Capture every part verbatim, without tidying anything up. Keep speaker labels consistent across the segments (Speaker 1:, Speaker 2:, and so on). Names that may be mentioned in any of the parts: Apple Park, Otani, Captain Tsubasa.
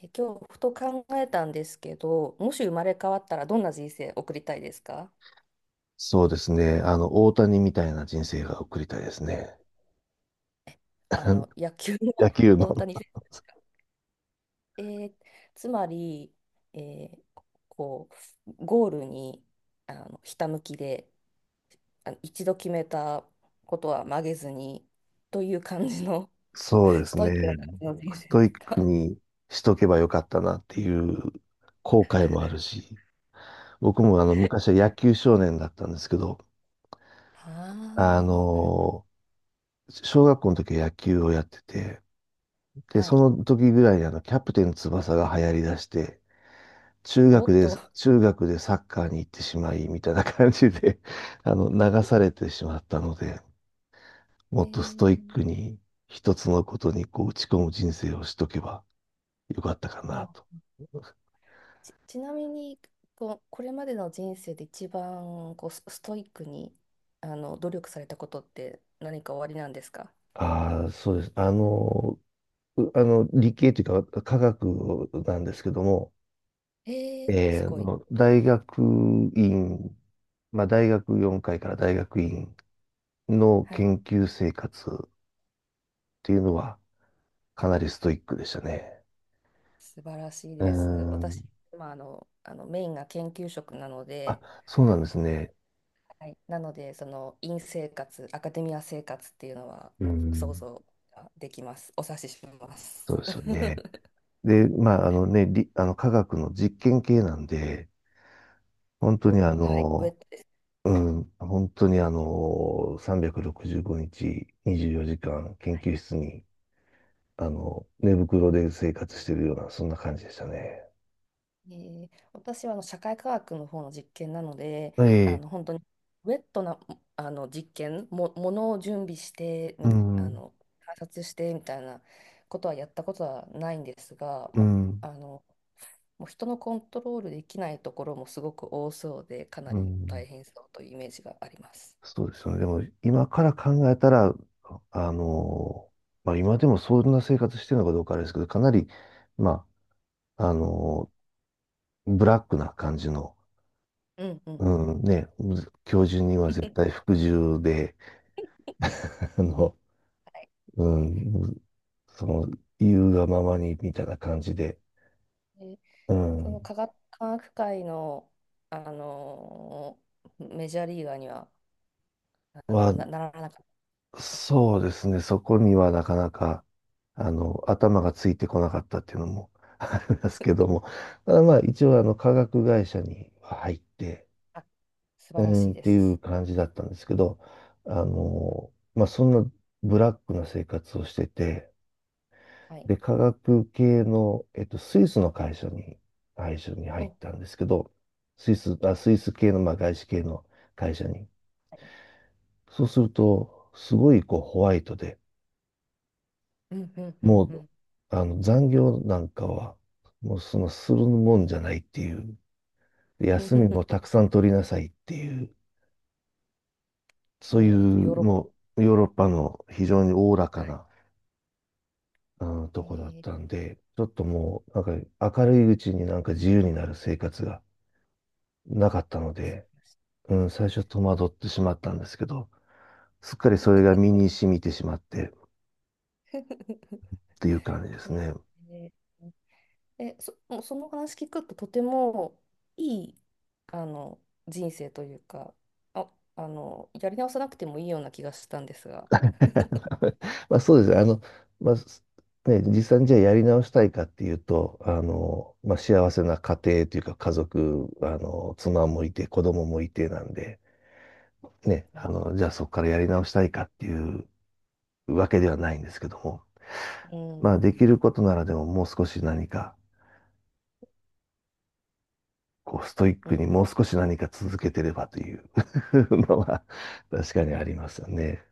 Speaker 1: え、今日ふと考えたんですけど、もし生まれ変わったらどんな人生送りたいですか？
Speaker 2: そうですね。あの、大谷みたいな人生が送りたいですね。
Speaker 1: あの 野球の
Speaker 2: 野球
Speaker 1: 大
Speaker 2: の。
Speaker 1: 谷選手。えーつまり、えーこうゴールに、あのひたむきで、あの一度決めたことは曲げずに、という感じの
Speaker 2: そう で
Speaker 1: ス
Speaker 2: す
Speaker 1: トイックな
Speaker 2: ね。
Speaker 1: 感じの人
Speaker 2: ス
Speaker 1: 生
Speaker 2: ト
Speaker 1: で
Speaker 2: イッ
Speaker 1: す
Speaker 2: ク
Speaker 1: か？
Speaker 2: にしとけばよかったなっていう後悔もあるし、僕もあの、昔は野球少年だったんですけど、
Speaker 1: あ
Speaker 2: あ
Speaker 1: あー、なるほ
Speaker 2: の、小学校の時は野球をやってて、で、
Speaker 1: ど。は
Speaker 2: そ
Speaker 1: い。
Speaker 2: の時ぐらいにあの、キャプテン翼が流行り出して、中
Speaker 1: お
Speaker 2: 学
Speaker 1: っ
Speaker 2: で、
Speaker 1: と。
Speaker 2: 中学でサッカーに行ってしまい、みたいな感じで、あの、流されてしまったので、
Speaker 1: え
Speaker 2: もっとストイッ
Speaker 1: ー、
Speaker 2: クに一つのことにこう打ち込む人生をしとけばよかったか
Speaker 1: は
Speaker 2: なと。
Speaker 1: あ。ち、ちなみに、こう、これまでの人生で一番こうスストイックにあの努力されたことって何かおありなんですか？
Speaker 2: ああ、そうです。あの、うあの理系というか科学なんですけども、
Speaker 1: ええ、
Speaker 2: え
Speaker 1: す
Speaker 2: ーあ
Speaker 1: ごい。
Speaker 2: の大学院、まあ、大学4回かいから大学院の
Speaker 1: はい。
Speaker 2: 研究生活っていうのはかなりストイックでしたね。
Speaker 1: 素晴らしい
Speaker 2: うー
Speaker 1: です。
Speaker 2: ん。
Speaker 1: 私、まあ、あの、あのメインが研究職なの
Speaker 2: あ、
Speaker 1: で、
Speaker 2: そうなんですね。
Speaker 1: はい。なので、その院生活、アカデミア生活っていうのは
Speaker 2: うー
Speaker 1: もう想
Speaker 2: ん。
Speaker 1: 像ができます。お察ししま
Speaker 2: そう
Speaker 1: す。
Speaker 2: ですよね。で、まあ、あのね、り、あの、科学の実験系なんで、本当に
Speaker 1: お、
Speaker 2: あ
Speaker 1: はい、ウェッ
Speaker 2: の、
Speaker 1: トです。
Speaker 2: うん、本当にあの、さんびゃくろくじゅうごにち、にじゅうよじかん、研究室に、あの、寝袋で生活してるような、そんな感じでしたね。
Speaker 1: えー私はあの社会科学の方の実験なので、
Speaker 2: え
Speaker 1: あ
Speaker 2: え、
Speaker 1: の本当にウェットなあの実験も、ものを準備して
Speaker 2: う
Speaker 1: み、あ
Speaker 2: ん、
Speaker 1: の観察してみたいなことはやったことはないんですが、
Speaker 2: う
Speaker 1: も
Speaker 2: ん、
Speaker 1: う、あのもう人のコントロールできないところもすごく多そうで、かな
Speaker 2: う
Speaker 1: り
Speaker 2: ん、
Speaker 1: 大変そうというイメージがあります。
Speaker 2: そうですよね。でも、今から考えたら、あの、まあ、今でもそんな生活してるのかどうかあれですけど、かなり、まあ、あの、ブラックな感じの、
Speaker 1: うんうん。
Speaker 2: うん、ね、むず教授には絶対服従で、あの、
Speaker 1: はい。
Speaker 2: うん、その、言うがままにみたいな感じで、
Speaker 1: で、
Speaker 2: う
Speaker 1: その
Speaker 2: ん、
Speaker 1: 科学、科学界のあのメジャーリーガーにはあ
Speaker 2: は、
Speaker 1: のな、ならなかっ
Speaker 2: そうですね、そこにはなかなか、あの、頭がついてこなかったっていうのも ありますけども、ただまあ、一応、あの、化学会社には入って、
Speaker 1: た。素晴
Speaker 2: う
Speaker 1: らし
Speaker 2: ん、
Speaker 1: い
Speaker 2: っ
Speaker 1: で
Speaker 2: ていう
Speaker 1: す。
Speaker 2: 感じだったんですけど、あの、まあ、そんなブラックな生活をしてて、
Speaker 1: はい。
Speaker 2: で、化学系の、えっと、スイスの会社に、会社に入っ
Speaker 1: お、
Speaker 2: たんですけど、スイス、
Speaker 1: あ、
Speaker 2: あ、スイス系の、まあ、
Speaker 1: はい。
Speaker 2: 外資系の会社に。
Speaker 1: はい。
Speaker 2: そうすると、すごいこうホワイトで、
Speaker 1: うんうんうん
Speaker 2: も
Speaker 1: う
Speaker 2: う、
Speaker 1: ん。
Speaker 2: あの、残業なんかは、もうその、するもんじゃないっていう、で休みもたく さん取りなさいっていう、そうい
Speaker 1: お、ヨー
Speaker 2: う、
Speaker 1: ロッパで
Speaker 2: もう、
Speaker 1: す
Speaker 2: ヨーロ
Speaker 1: ね。
Speaker 2: ッパの非常におおらか
Speaker 1: はい。
Speaker 2: な、うん、とこだっ
Speaker 1: えー、
Speaker 2: たんで、ちょっともう、なんか、明るいうちになんか自由になる生活がなかったので、うん、最初戸惑ってしまったんですけど、すっかりそれが身に染みてしまってっ ていう感じで
Speaker 1: え
Speaker 2: す
Speaker 1: ー
Speaker 2: ね。
Speaker 1: ええ。えそ、もうその話聞くととてもいい、あの、人生というか、あ、あの、やり直さなくてもいいような気がしたんですが。
Speaker 2: まあそうです。あの、まあ、すね、実際にじゃあやり直したいかっていうと、あの、まあ幸せな家庭というか家族、あの、妻もいて子供もいてなんで、ね、
Speaker 1: は
Speaker 2: あ
Speaker 1: い。
Speaker 2: の、じゃあそこからやり直したいかっていうわけではないんですけども、
Speaker 1: う
Speaker 2: まあできる
Speaker 1: ん、
Speaker 2: ことならでももう少し何かこう、ストイッ
Speaker 1: う
Speaker 2: クに
Speaker 1: ん、
Speaker 2: もう少し何か続けてればという のは確かに
Speaker 1: う
Speaker 2: あり
Speaker 1: ん。
Speaker 2: ますよね。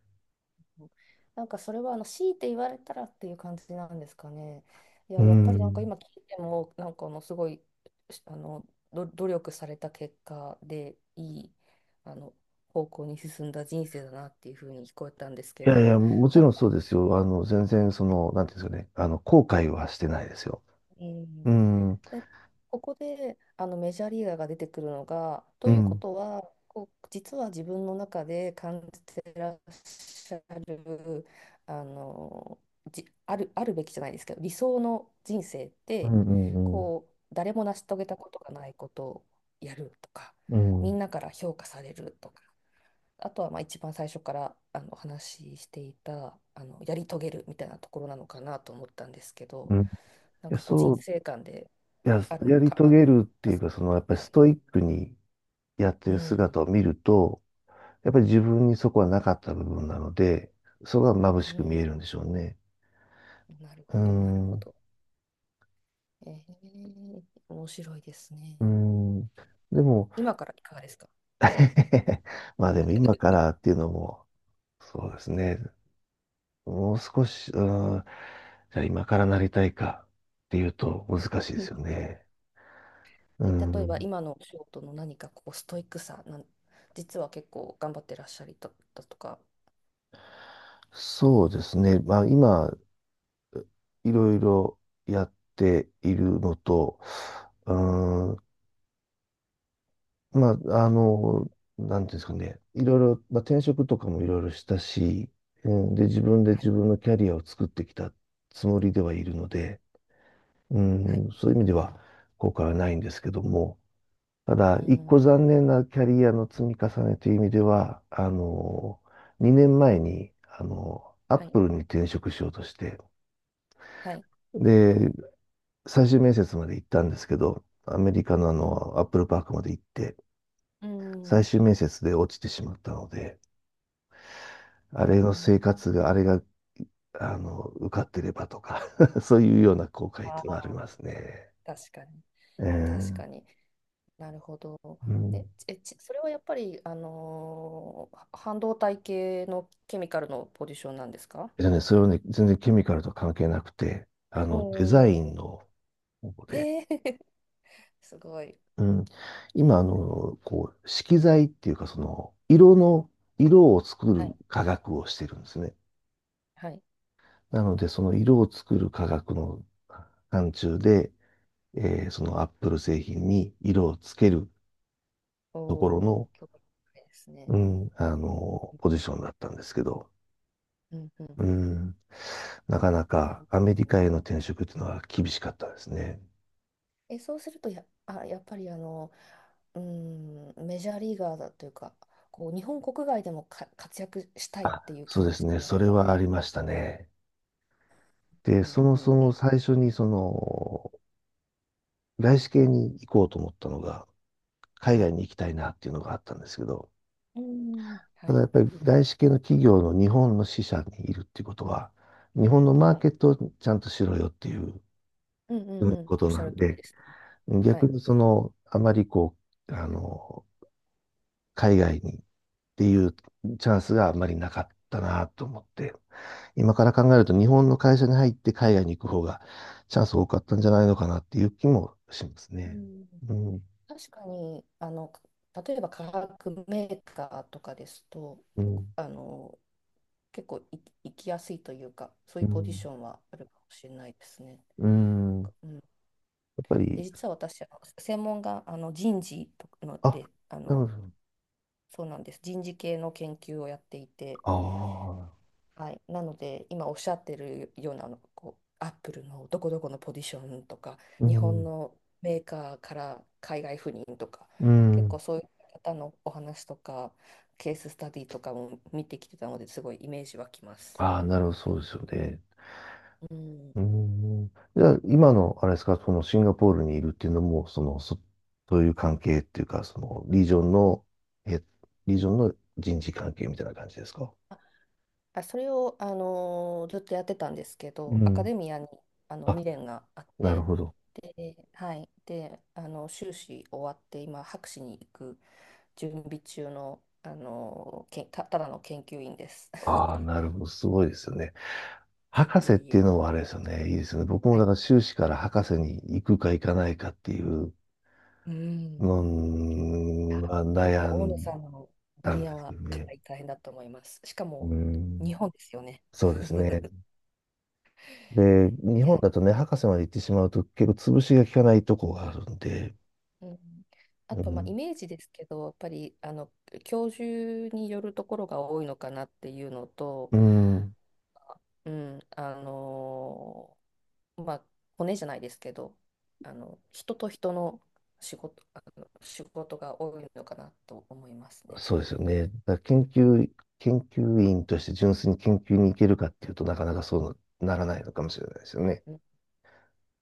Speaker 1: なんかそれはあの強いて言われたらっていう感じなんですかね？い
Speaker 2: う
Speaker 1: や、やっぱりなんか
Speaker 2: ん。
Speaker 1: 今聞いても、なんかあのすごいしあのど努力された結果でいいあの方向に進んだ人生だなっていうふうに聞こえたんです
Speaker 2: い
Speaker 1: け
Speaker 2: やいや、
Speaker 1: ど、
Speaker 2: もち
Speaker 1: た
Speaker 2: ろ
Speaker 1: だ、
Speaker 2: んそうですよ。あの、全然その、なんていうんですかね、あの、後悔はしてないですよ。
Speaker 1: うん。
Speaker 2: うん、うん、
Speaker 1: で、ここであのメジャーリーガーが出てくるのが、と
Speaker 2: う
Speaker 1: いうこ
Speaker 2: ん、
Speaker 1: とは、こう実は自分の中で感じてらっしゃる、あの、じ、ある、あるべきじゃないですけど、理想の人生っ
Speaker 2: う
Speaker 1: て、
Speaker 2: ん、うん、
Speaker 1: こう、誰も成し遂げたことがないことをやるとか、
Speaker 2: う
Speaker 1: み
Speaker 2: ん。
Speaker 1: んなから評価されるとか。あとはまあ一番最初からあのお話ししていたあのやり遂げるみたいなところなのかなと思ったんですけ
Speaker 2: う
Speaker 1: ど、
Speaker 2: ん、い
Speaker 1: なん
Speaker 2: や、
Speaker 1: かこう人
Speaker 2: そう、
Speaker 1: 生観で
Speaker 2: いや、
Speaker 1: ある
Speaker 2: やり
Speaker 1: か、
Speaker 2: 遂
Speaker 1: あの、
Speaker 2: げるっていうか、その、やっぱり
Speaker 1: はい。
Speaker 2: ストイックにやって
Speaker 1: う
Speaker 2: る
Speaker 1: ん
Speaker 2: 姿を見ると、やっぱり自分にそこはなかった部分なので、そこが眩
Speaker 1: う
Speaker 2: しく見
Speaker 1: ん。
Speaker 2: えるんでしょうね。
Speaker 1: なる
Speaker 2: う
Speaker 1: ほどなるほ
Speaker 2: ん、
Speaker 1: ど。えー、面白いですね。
Speaker 2: うん。でも、
Speaker 1: 今からいかがですか？
Speaker 2: まあでも今からっていうのも、そうですね。もう少し、うん、じゃあ今からなりたいかっていうと難しいですよ ね。う
Speaker 1: え、例えば
Speaker 2: ん、
Speaker 1: 今のお仕事の何かこうストイックさなん、実は結構頑張ってらっしゃりだったとか。
Speaker 2: そうですね。まあ今、いろいろやっているのと、うん、まあ、あの、なんていうんですかね。いろいろ、まあ転職とかもいろいろしたし、うん、で、自分で
Speaker 1: は
Speaker 2: 自
Speaker 1: い。
Speaker 2: 分のキャリアを作ってきたつもりではいるので、う
Speaker 1: はい。
Speaker 2: ん、そういう意味では後悔はないんですけども、た
Speaker 1: う
Speaker 2: だ、一個
Speaker 1: ん。
Speaker 2: 残念なキャリアの積み重ねという意味では、あの、にねんまえに、あの、アッ
Speaker 1: はい。
Speaker 2: プルに転職しようとして、
Speaker 1: はい。
Speaker 2: で、最終面接まで行ったんですけど、アメリカのあ
Speaker 1: うん
Speaker 2: の、アップルパークまで行って、
Speaker 1: う
Speaker 2: 最
Speaker 1: ん
Speaker 2: 終面接で落ちてしまったので、
Speaker 1: う
Speaker 2: あれの
Speaker 1: ん。
Speaker 2: 生活が、あれが、あの、受かってればとか そういうような後悔っ
Speaker 1: あ
Speaker 2: ていうのはあ
Speaker 1: ー、
Speaker 2: りますね。
Speaker 1: 確かに、
Speaker 2: え
Speaker 1: 確か
Speaker 2: ー
Speaker 1: に。なるほど。
Speaker 2: うん、
Speaker 1: え、え、ちそれはやっぱり、あのーは半導体系のケミカルのポジションなんですか？
Speaker 2: えっとね、それはね、全然ケミカルとは関係なくて、あ
Speaker 1: お、
Speaker 2: の、デザイン
Speaker 1: お、
Speaker 2: の方
Speaker 1: ー、
Speaker 2: で、
Speaker 1: えー すごい。
Speaker 2: うん、今、あの、こう、色彩っていうか、その、色の、色を作
Speaker 1: は
Speaker 2: る
Speaker 1: い、
Speaker 2: 科学をしてるんですね。
Speaker 1: はい。
Speaker 2: なので、その色を作る科学の範疇で、えーそのアップル製品に色をつける
Speaker 1: お
Speaker 2: ところの、
Speaker 1: お、興味深いです
Speaker 2: う
Speaker 1: ね。
Speaker 2: ん、あの、ポジションだったんですけど、
Speaker 1: うん、うん、
Speaker 2: う
Speaker 1: うん。
Speaker 2: ん、なかな
Speaker 1: う
Speaker 2: か
Speaker 1: ん。
Speaker 2: アメリカへの転職っていうのは厳しかったですね。
Speaker 1: え、そうするとや、あ、やっぱりあの、うーん、メジャーリーガーだというか、こう日本国外でもか活躍したいっ
Speaker 2: あ、
Speaker 1: ていう
Speaker 2: そ
Speaker 1: 気
Speaker 2: うで
Speaker 1: 持
Speaker 2: す
Speaker 1: ち
Speaker 2: ね。
Speaker 1: が
Speaker 2: そ
Speaker 1: やっ
Speaker 2: れ
Speaker 1: ぱあっ
Speaker 2: は
Speaker 1: た
Speaker 2: あ
Speaker 1: んで
Speaker 2: り
Speaker 1: す。
Speaker 2: ましたね。で、
Speaker 1: う
Speaker 2: そ
Speaker 1: ん
Speaker 2: も
Speaker 1: う
Speaker 2: そ
Speaker 1: んう
Speaker 2: も
Speaker 1: ん。
Speaker 2: 最初にその、外資系に行こうと思ったのが、海
Speaker 1: は
Speaker 2: 外
Speaker 1: い。
Speaker 2: に行きたいなっていうのがあったんですけど、
Speaker 1: うん、は
Speaker 2: ただ
Speaker 1: い、
Speaker 2: やっぱり外資系の企業の日本の支社にいるっていうことは、日本のマー
Speaker 1: は
Speaker 2: ケ
Speaker 1: い。
Speaker 2: ットをちゃんとしろよっていう、
Speaker 1: うんうん
Speaker 2: うん、
Speaker 1: う
Speaker 2: こ
Speaker 1: ん、お
Speaker 2: と
Speaker 1: っし
Speaker 2: な
Speaker 1: ゃ
Speaker 2: ん
Speaker 1: る通り
Speaker 2: で、
Speaker 1: ですね。は
Speaker 2: 逆
Speaker 1: い。
Speaker 2: にその、あまりこう、あの、海外にっていうチャンスがあまりなかったなと思って、今から考えると日本の会社に入って海外に行く方がチャンス多かったんじゃないのかなっていう気もします
Speaker 1: う
Speaker 2: ね。
Speaker 1: ん、
Speaker 2: うん、
Speaker 1: 確かに、あの、例えば化学メーカーとかですと、
Speaker 2: う
Speaker 1: 結構、
Speaker 2: ん、
Speaker 1: あの、結構い行きやすいというか、そう
Speaker 2: う
Speaker 1: いうポジシ
Speaker 2: ん、
Speaker 1: ョンはあるかもしれないですね。
Speaker 2: うん。や
Speaker 1: うん。
Speaker 2: っぱ
Speaker 1: で、
Speaker 2: り、
Speaker 1: 実は私、あの専門があの人事とかの
Speaker 2: あ、
Speaker 1: で、あ
Speaker 2: な
Speaker 1: の、
Speaker 2: るほど。
Speaker 1: そうなんです。人事系の研究をやっていて、
Speaker 2: ああ、
Speaker 1: はい、なので今おっしゃってるようなあのこうアップルのどこどこのポジションとか
Speaker 2: う
Speaker 1: 日本
Speaker 2: ん、
Speaker 1: のメーカーから海外赴任とか
Speaker 2: う
Speaker 1: 結構
Speaker 2: ん。
Speaker 1: そういう方のお話とかケーススタディとかも見てきてたのですごいイメージ湧きます。
Speaker 2: ああ、なるほど、そうですよね。
Speaker 1: うん、
Speaker 2: うん。じゃあ、今の、あれですか、そのシンガポールにいるっていうのも、その、そ、そういう関係っていうか、その、リージョンの、え、リージョンの人事関係みたいな感じですか？
Speaker 1: あ、それを、あのーずっとやってたんですけ
Speaker 2: う
Speaker 1: どアカ
Speaker 2: ん。
Speaker 1: デミアにあの
Speaker 2: あ、
Speaker 1: 未練があっ
Speaker 2: なる
Speaker 1: て、
Speaker 2: ほど。
Speaker 1: ではい、で、あの修士終わって今博士に行く準備中の、あのけんた、ただの研究員です。
Speaker 2: ああ、なるほど。すごいですよね。
Speaker 1: いえ
Speaker 2: 博
Speaker 1: いえ
Speaker 2: 士っ
Speaker 1: い
Speaker 2: ていう
Speaker 1: え。
Speaker 2: のはあれですよね。いいですよね。僕も
Speaker 1: は
Speaker 2: だ
Speaker 1: い。
Speaker 2: から修士から博士に行くか行かないかっていう
Speaker 1: うん。いや、
Speaker 2: のが
Speaker 1: で
Speaker 2: 悩
Speaker 1: も大野
Speaker 2: ん
Speaker 1: さんの
Speaker 2: だ
Speaker 1: 分
Speaker 2: んで
Speaker 1: 野
Speaker 2: すけ
Speaker 1: は
Speaker 2: ど
Speaker 1: かな
Speaker 2: ね。
Speaker 1: り大変だと思います。しか
Speaker 2: う
Speaker 1: も日
Speaker 2: ん。
Speaker 1: 本ですよね。
Speaker 2: そうですね。で、日
Speaker 1: い
Speaker 2: 本
Speaker 1: や、
Speaker 2: だとね、博士まで行ってしまうと結構潰しが効かないとこがあるんで、
Speaker 1: うん、あ
Speaker 2: う
Speaker 1: とまあイ
Speaker 2: ん。
Speaker 1: メージですけど、やっぱりあの教授によるところが多いのかなっていうのと、
Speaker 2: うん。
Speaker 1: うん、あの、まあ、骨じゃないですけど、あの、人と人の仕事、あの、仕事が多いのかなと思いますね。
Speaker 2: そうですよね。だから研究、研究員として純粋に研究に行けるかっていうとなかなかそうならないのかもしれないですよね。
Speaker 1: うん。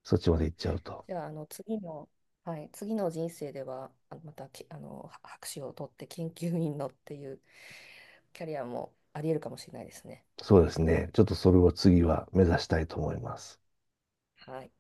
Speaker 2: そっちまで行っちゃうと。
Speaker 1: じゃあ、あの、次の、はい、次の人生では、あのまたき、あの、は博士を取って研究員のっていうキャリアもあり得るかもしれないですね。
Speaker 2: そうですね。ちょっとそれを次は目指したいと思います。
Speaker 1: はい。